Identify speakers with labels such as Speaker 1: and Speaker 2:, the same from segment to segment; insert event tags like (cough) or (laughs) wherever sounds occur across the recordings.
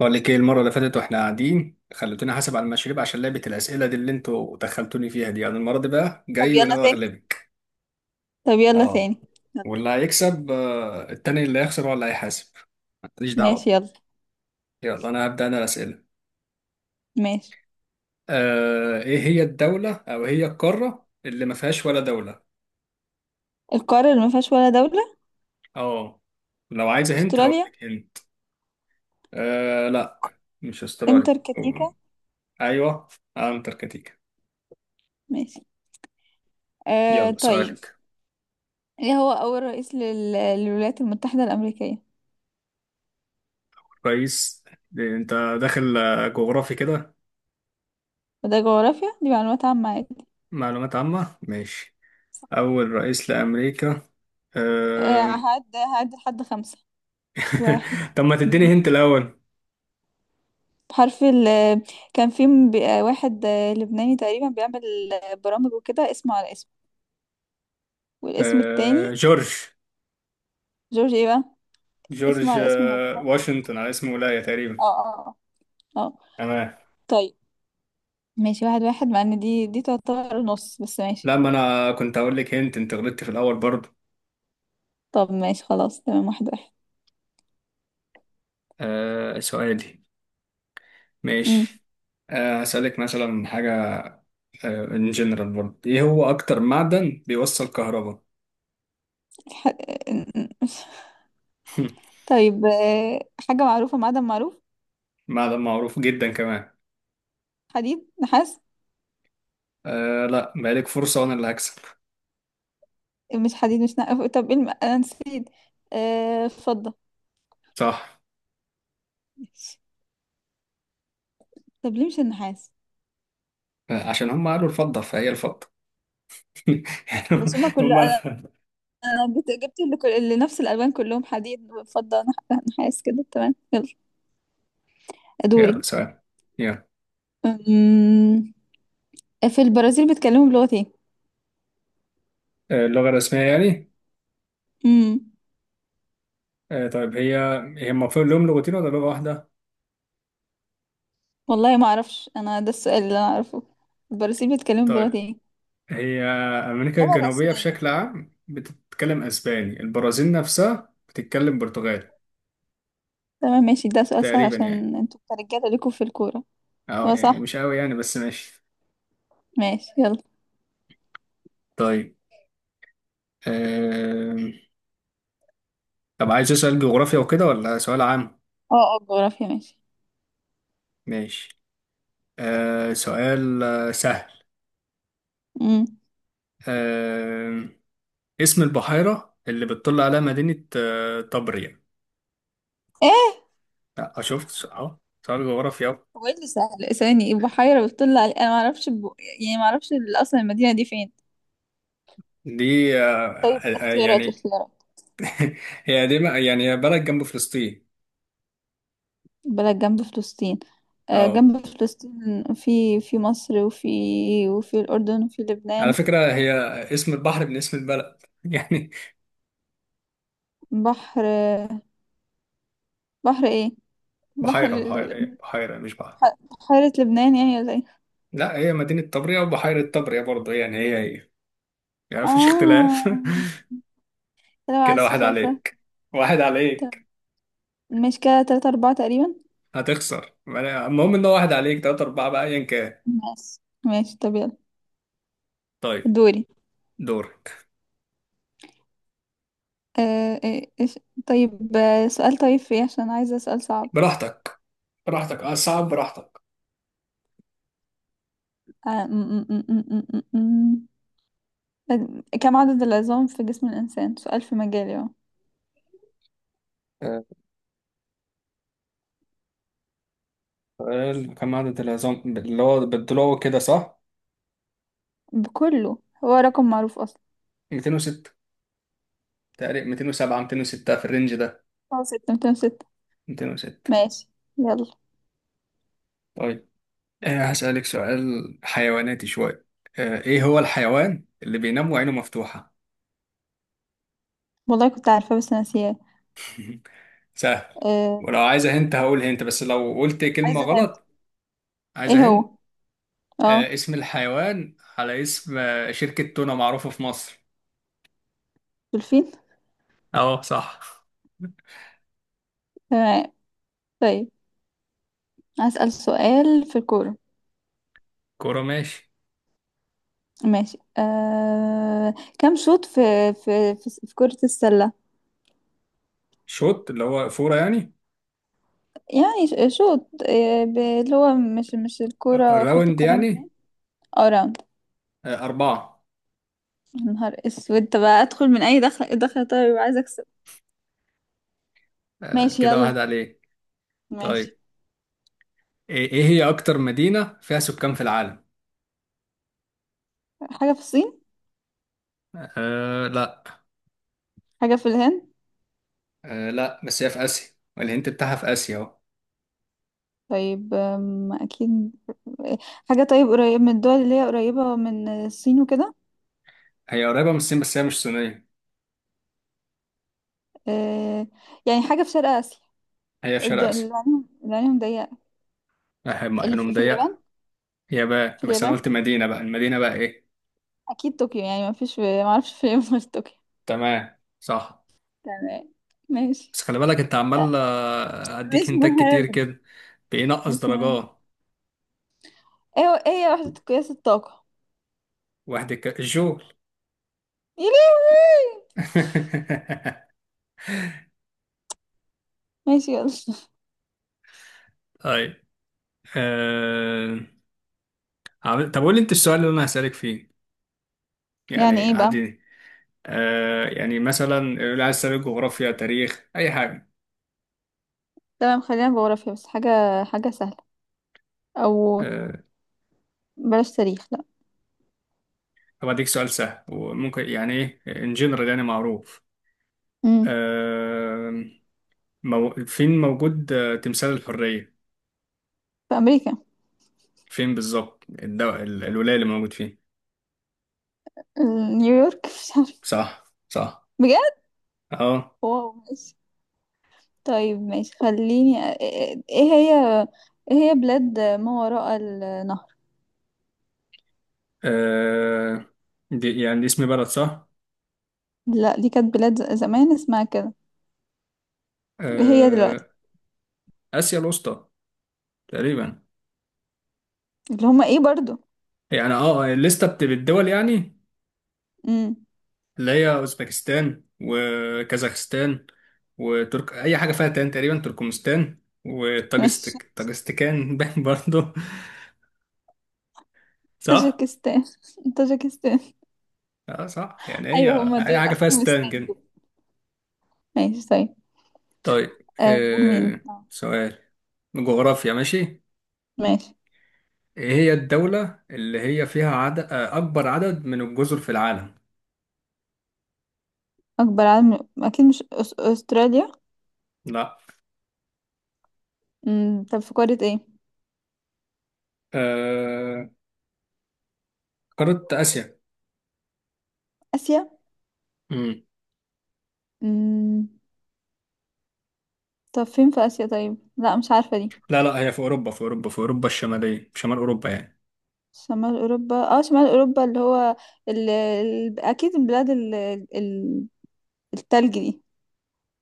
Speaker 1: بقول لك ايه المره اللي فاتت واحنا قاعدين خلتوني حاسب على المشاريب عشان لعبه الاسئله دي اللي انتوا دخلتوني فيها دي، انا المره دي بقى
Speaker 2: طب
Speaker 1: جاي
Speaker 2: يلا
Speaker 1: وناوي
Speaker 2: تاني
Speaker 1: اغلبك.
Speaker 2: طب يلا
Speaker 1: اه،
Speaker 2: تاني يلا.
Speaker 1: واللي هيكسب التاني اللي هيخسر هو اللي هيحاسب. ماليش
Speaker 2: ماشي
Speaker 1: دعوه.
Speaker 2: يلا.
Speaker 1: يلا انا هبدا الاسئله.
Speaker 2: ماشي.
Speaker 1: ايه هي الدوله او إيه هي القاره اللي ما فيهاش ولا دوله؟
Speaker 2: القارة اللي ما فيهاش ولا دولة.
Speaker 1: اه، لو عايزه هنت هقول
Speaker 2: استراليا.
Speaker 1: لك هنت. آه لا، مش استراليا.
Speaker 2: انتركتيكا.
Speaker 1: ايوه، انتاركتيكا.
Speaker 2: ماشي.
Speaker 1: يلا
Speaker 2: طيب.
Speaker 1: سؤالك.
Speaker 2: ايه هو اول رئيس للولايات المتحدة الأمريكية؟
Speaker 1: كويس. إيه، انت داخل جغرافي كده.
Speaker 2: وده جغرافيا، دي معلومات عامة عادي.
Speaker 1: معلومات عامة ماشي. أول رئيس لأمريكا. أه...
Speaker 2: هعد لحد 5. واحد.
Speaker 1: (laughs) طب ما تديني
Speaker 2: اتنين.
Speaker 1: هنت الأول.
Speaker 2: بحرف ال، كان في واحد لبناني تقريبا بيعمل برامج وكده، اسمه على اسمه. والاسم التاني
Speaker 1: جورج.
Speaker 2: جورج ايه بقى؟ اسمه
Speaker 1: جورج
Speaker 2: على اسم مدينة في أمريكا.
Speaker 1: واشنطن، على اسم ولاية تقريبا.
Speaker 2: اه اه. اه آه.
Speaker 1: تمام.
Speaker 2: طيب، ماشي 1-1، مع ان دي تعتبر نص بس ماشي.
Speaker 1: لا، ما أنا كنت هقول لك هنت، أنت غلطت في الأول برضه.
Speaker 2: طب ماشي خلاص، تمام 1-1.
Speaker 1: سؤالي.
Speaker 2: امم
Speaker 1: ماشي. هسألك مثلا حاجة، ان جنرال برضه. إيه هو أكتر معدن بيوصل كهرباء؟
Speaker 2: الح... (laughs)
Speaker 1: (laughs)
Speaker 2: طيب حاجة معروفة، معدن معروف.
Speaker 1: معدن معروف جدا كمان.
Speaker 2: حديد، نحاس.
Speaker 1: لا، بقالك فرصة وأنا اللي هكسب.
Speaker 2: مش حديد مش نحاس، طب ايه الم... انا نسيت. فضة.
Speaker 1: صح،
Speaker 2: ماشي. طب ليه مش النحاس؟
Speaker 1: عشان هم قالوا الفضة فهي الفضة. (laughs) يعني.
Speaker 2: بس هما كل
Speaker 1: هم.
Speaker 2: انا، أنا جبت اللي كل... اللي نفس الالوان كلهم، حديد فضة نحاس كده، تمام يلا. دوري.
Speaker 1: يلا سؤال. يلا.
Speaker 2: أمم، في البرازيل بيتكلموا بلغة ايه؟
Speaker 1: اللغة الرسمية يعني.
Speaker 2: امم
Speaker 1: طيب هي، هي المفروض لهم لغتين ولا لغة واحدة؟
Speaker 2: والله ما اعرفش انا، ده السؤال اللي انا اعرفه. البرازيل بيتكلموا
Speaker 1: طيب،
Speaker 2: بلغة ايه؟
Speaker 1: هي أمريكا
Speaker 2: اللغة
Speaker 1: الجنوبية
Speaker 2: الرسمية.
Speaker 1: بشكل عام بتتكلم أسباني، البرازيل نفسها بتتكلم برتغالي.
Speaker 2: تمام ماشي، ده سؤال سهل
Speaker 1: تقريبا يعني.
Speaker 2: عشان انتوا كرجالة ليكوا في الكورة.
Speaker 1: أه
Speaker 2: اه
Speaker 1: يعني
Speaker 2: صح.
Speaker 1: مش أوي يعني، بس ماشي.
Speaker 2: ماشي يلا.
Speaker 1: طيب. آم، طب عايز سؤال جغرافيا وكده ولا سؤال عام؟
Speaker 2: اه اه، جغرافيا ماشي.
Speaker 1: ماشي. آه، سؤال آه،
Speaker 2: امم
Speaker 1: سهل. اسم البحيرة اللي بتطل عليها مدينة طبريا.
Speaker 2: ايه
Speaker 1: لا شفت اهو. سؤال جغرافيا أهو.
Speaker 2: هو؟ ايه اللي سهل؟ لا، ثواني. بحيرة بتطل علي، انا ما اعرفش يعني ما اعرفش اصلا المدينة دي فين.
Speaker 1: دي آه،
Speaker 2: طيب،
Speaker 1: آه، آه،
Speaker 2: اختيارات
Speaker 1: يعني.
Speaker 2: اختيارات.
Speaker 1: (laughs) هي قديمة يعني، هي بلد جنب فلسطين.
Speaker 2: بلد جنب فلسطين؟ آه
Speaker 1: اه،
Speaker 2: جنب فلسطين، في مصر وفي، وفي الأردن وفي
Speaker 1: على
Speaker 2: لبنان.
Speaker 1: فكرة هي اسم البحر من اسم البلد، (laughs) يعني.
Speaker 2: بحر. بحر ايه؟ بحر
Speaker 1: بحيرة هي بحيرة مش بحر.
Speaker 2: ح- حارة لبنان يعني ولا ايه؟
Speaker 1: لا، هي مدينة طبريا وبحيرة طبريا برضه، يعني هي هي، يعني مفيش اختلاف.
Speaker 2: اه، لو
Speaker 1: (laughs)
Speaker 2: على
Speaker 1: كده واحد
Speaker 2: السخافة.
Speaker 1: عليك، واحد
Speaker 2: طب
Speaker 1: عليك.
Speaker 2: ماشي كده، 3-4 تقريبا.
Speaker 1: هتخسر ما أنا- المهم ان هو واحد عليك، تلاتة أربعة بقى أيا كان.
Speaker 2: ماشي. ماشي طب يلا.
Speaker 1: طيب.
Speaker 2: دوري.
Speaker 1: دورك.
Speaker 2: إيش. طيب سؤال، طيب فيه عشان عايزة سؤال صعب.
Speaker 1: براحتك، براحتك. اه صعب، براحتك.
Speaker 2: آه م- م- م- م- م- م- م. كم عدد العظام في جسم الإنسان؟ سؤال في مجالي اهو.
Speaker 1: آه، سؤال. كم عدد العظام اللي هو بالضلوع كده، صح؟
Speaker 2: بكله. هو رقم معروف أصلا.
Speaker 1: 206. تقريبا 207، 206، في الرينج ده.
Speaker 2: اه، ستة، 206.
Speaker 1: 206.
Speaker 2: ماشي يلا.
Speaker 1: طيب، آه هسألك سؤال حيواناتي شوية. آه، ايه هو الحيوان اللي بينام وعينه مفتوحة؟
Speaker 2: والله كنت عارفة بس ناسياه.
Speaker 1: (laughs) سهل.
Speaker 2: آه.
Speaker 1: ولو عايزة هنت هقول هنت بس لو قلت كلمة
Speaker 2: عايزة هند.
Speaker 1: غلط.
Speaker 2: ايه
Speaker 1: عايزة هنت.
Speaker 2: هو؟ اه،
Speaker 1: اسم الحيوان على اسم شركة تونة معروفة في مصر.
Speaker 2: دولفين.
Speaker 1: اه صح.
Speaker 2: تمام. طيب أسأل سؤال في الكورة.
Speaker 1: كورة ماشي.
Speaker 2: ماشي. كم شوط في، في في كرة السلة؟
Speaker 1: شوت اللي هو فورة يعني.
Speaker 2: يعني شوط، اللي هو مش الكورة، كرة
Speaker 1: راوند
Speaker 2: القدم اتنين.
Speaker 1: يعني.
Speaker 2: اه، راوند.
Speaker 1: أربعة.
Speaker 2: يا نهار اسود، طب ادخل من اي، دخل دخل، طيب يبقى عايز اكسب. ماشي
Speaker 1: كده
Speaker 2: يلا.
Speaker 1: واحد عليك.
Speaker 2: ماشي.
Speaker 1: طيب، إيه، إيه هي أكتر مدينة فيها سكان في العالم؟
Speaker 2: حاجة في الصين.
Speaker 1: أه لا.
Speaker 2: حاجة في الهند.
Speaker 1: أه لا، بس هي في آسيا، والهنت بتاعها في آسيا أهو.
Speaker 2: طيب اكيد حاجة، طيب قريب من الدول اللي هي قريبة من الصين وكده.
Speaker 1: هي قريبة من الصين بس هي مش صينية.
Speaker 2: آه، يعني حاجة في شرق آسيا.
Speaker 1: هي في شرق آسيا.
Speaker 2: اللي عليهم، اللي عليهم ضيقة.
Speaker 1: أحب يعني
Speaker 2: اللي في، في اليابان.
Speaker 1: مضيقة. هي بقى،
Speaker 2: في
Speaker 1: بس أنا
Speaker 2: اليابان،
Speaker 1: قلت مدينة، بقى المدينة بقى إيه؟
Speaker 2: اكيد طوكيو، يعني ما فيش، ما اعرفش فين غير طوكيو.
Speaker 1: تمام صح.
Speaker 2: تمام. ماشي.
Speaker 1: بس خلي بالك أنت
Speaker 2: آه،
Speaker 1: عمال
Speaker 2: مش
Speaker 1: أديك هنتات كتير
Speaker 2: مهم.
Speaker 1: كده. بينقص
Speaker 2: مش مهم.
Speaker 1: درجات.
Speaker 2: ايه هي وحدة قياس الطاقة؟
Speaker 1: الجول.
Speaker 2: يا لهوي.
Speaker 1: (laughs)
Speaker 2: ماشي يلا.
Speaker 1: طيب. أه... طب قول لي أنت السؤال اللي أنا هسألك فيه،
Speaker 2: يعني
Speaker 1: يعني
Speaker 2: ايه بقى؟
Speaker 1: عادي. آه يعني مثلا اللي عايز تسأل جغرافيا، تاريخ، أي حاجة.
Speaker 2: تمام، خلينا جغرافيا بس. حاجة، حاجة سهلة. او،
Speaker 1: آه،
Speaker 2: بلاش تاريخ لا.
Speaker 1: طب أديك سؤال سهل وممكن، يعني إيه، إن جنرال يعني معروف.
Speaker 2: امم
Speaker 1: آه، مو فين موجود تمثال الحرية؟
Speaker 2: في امريكا.
Speaker 1: فين بالظبط الولاية اللي موجود فين.
Speaker 2: نيويورك. (laughs) مش عارفة
Speaker 1: صح صح.
Speaker 2: بجد.
Speaker 1: أهو.
Speaker 2: واو ماشي. طيب ماشي خليني ايه هي، ايه هي بلاد ما وراء النهر.
Speaker 1: اه، دي يعني دي اسم بلد صح.
Speaker 2: لا دي كانت بلاد زمان اسمها كده. إيه هي دلوقتي؟
Speaker 1: آه، آسيا الوسطى تقريبا.
Speaker 2: اللي هما ايه برضو؟
Speaker 1: يعني اه الليستة بالدول يعني،
Speaker 2: امم
Speaker 1: اللي هي اوزبكستان وكازاخستان، وترك اي حاجه فيها تان، تقريبا تركمستان،
Speaker 2: ماشي.
Speaker 1: وطاجستك طاجستكان. (laughs) باين برضه. صح.
Speaker 2: طاجيكستان. (laughs) طاجيكستان.
Speaker 1: اه صح يعني هي.
Speaker 2: ايوه هما
Speaker 1: اي
Speaker 2: دول،
Speaker 1: حاجه فيها ستان
Speaker 2: افغانستان
Speaker 1: كده.
Speaker 2: دول. ماشي طيب.
Speaker 1: طيب
Speaker 2: دول مين
Speaker 1: آه سؤال. جغرافيا ماشي.
Speaker 2: ماشي.
Speaker 1: ايه هي الدوله اللي هي فيها عدد اكبر عدد من الجزر في العالم؟
Speaker 2: اكبر عالم، اكيد مش استراليا.
Speaker 1: لا.
Speaker 2: طب في قارة ايه؟
Speaker 1: آه. قاره اسيا.
Speaker 2: اسيا.
Speaker 1: مم.
Speaker 2: امم طب فين في اسيا؟ طيب لا، مش عارفة دي.
Speaker 1: لا لا، هي في اوروبا، في اوروبا، في اوروبا الشماليه، شمال اوروبا يعني.
Speaker 2: شمال اوروبا؟ اه شمال اوروبا، اللي هو اكيد البلاد ال... التلج دي.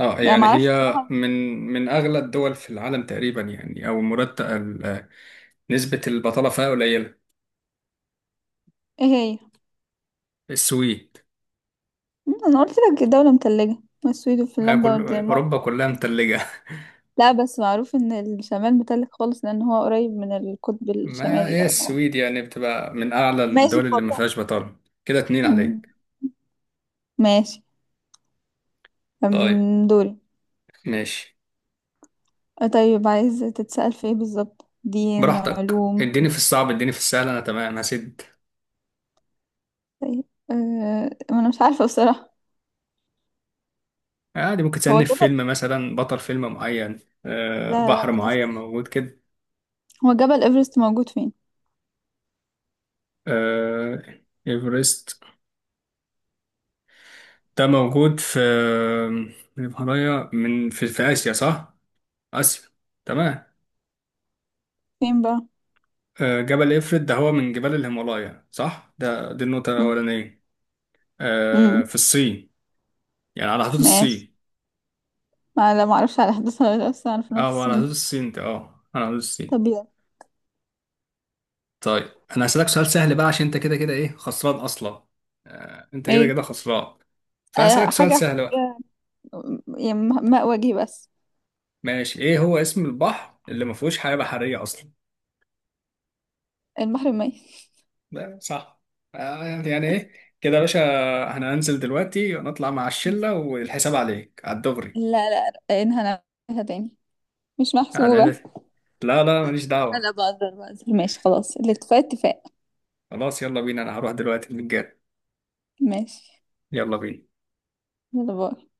Speaker 1: اه
Speaker 2: يعني
Speaker 1: يعني
Speaker 2: معرفش
Speaker 1: هي،
Speaker 2: بصراحة.
Speaker 1: من من اغلى الدول في العالم تقريبا، يعني او مرتب نسبة البطالة فيها قليلة.
Speaker 2: ايه هي؟
Speaker 1: السويد.
Speaker 2: انا قلت لك دولة متلجة، السويد
Speaker 1: ما
Speaker 2: وفنلندا
Speaker 1: كل
Speaker 2: والدنمارك
Speaker 1: اوروبا كلها
Speaker 2: والحاجات دي.
Speaker 1: متلجة.
Speaker 2: لا، بس معروف ان الشمال متلج خالص لان هو قريب من القطب
Speaker 1: (laughs) ما
Speaker 2: الشمالي
Speaker 1: هي
Speaker 2: ده ولا
Speaker 1: السويد يعني بتبقى من اعلى
Speaker 2: ماشي
Speaker 1: الدول اللي ما
Speaker 2: خلاص.
Speaker 1: فيهاش بطالة. كده اتنين
Speaker 2: أمم،
Speaker 1: عليك.
Speaker 2: ماشي.
Speaker 1: طيب
Speaker 2: دوري.
Speaker 1: ماشي.
Speaker 2: طيب عايز تتسأل في ايه بالظبط، دين،
Speaker 1: براحتك، اديني
Speaker 2: علوم؟
Speaker 1: في الصعب، اديني في السهل، انا تمام هسد.
Speaker 2: طيب. أه... ما انا مش عارفة بصراحة.
Speaker 1: عادي ممكن
Speaker 2: هو
Speaker 1: تسألني في
Speaker 2: جبل،
Speaker 1: فيلم مثلا بطل فيلم معين.
Speaker 2: لا
Speaker 1: آه
Speaker 2: لا لا
Speaker 1: بحر
Speaker 2: بلاش
Speaker 1: معين
Speaker 2: دي.
Speaker 1: موجود كده.
Speaker 2: هو جبل ايفرست موجود فين؟
Speaker 1: آه ايفرست ده موجود في الهيمالايا، من في آسيا صح؟ آسيا. تمام.
Speaker 2: فين بقى؟
Speaker 1: آه، جبل إفرت ده هو من جبال الهيمالايا صح؟ ده دي النقطة
Speaker 2: امم
Speaker 1: الأولانية. آه،
Speaker 2: امم
Speaker 1: في الصين. يعني على حدود
Speaker 2: ماشي.
Speaker 1: الصين.
Speaker 2: ما لا، ما اعرفش على حدث ولا لا، بس اعرف
Speaker 1: اه،
Speaker 2: انه في
Speaker 1: هو على حدود
Speaker 2: الصين.
Speaker 1: الصين، ده اه على حدود الصين.
Speaker 2: طب يلا.
Speaker 1: طيب، أنا هسألك سؤال سهل بقى عشان أنت كده كده إيه، خسران أصلا. آه، أنت كده
Speaker 2: ايه.
Speaker 1: كده خسران، فهسألك سؤال
Speaker 2: حاجة
Speaker 1: سهل
Speaker 2: أحفظ
Speaker 1: بقى.
Speaker 2: بيها، يعني ماء وجهي بس.
Speaker 1: ماشي. إيه هو اسم البحر اللي ما فيهوش حياة بحرية أصلا؟
Speaker 2: البحر الميت.
Speaker 1: صح. يعني ايه كده يا باشا، انا هنزل دلوقتي ونطلع مع الشلة والحساب عليك على الدغري.
Speaker 2: لا لا، رقانها نعملها تاني، مش
Speaker 1: قاعد عندك.
Speaker 2: محسوبة.
Speaker 1: لا لا، ماليش
Speaker 2: انا
Speaker 1: دعوة.
Speaker 2: بقدر، بقدر، ماشي خلاص، الاتفاق اتفاق.
Speaker 1: خلاص يلا بينا، انا هروح دلوقتي المتجر.
Speaker 2: ماشي
Speaker 1: يلا بينا.
Speaker 2: يلا. باي.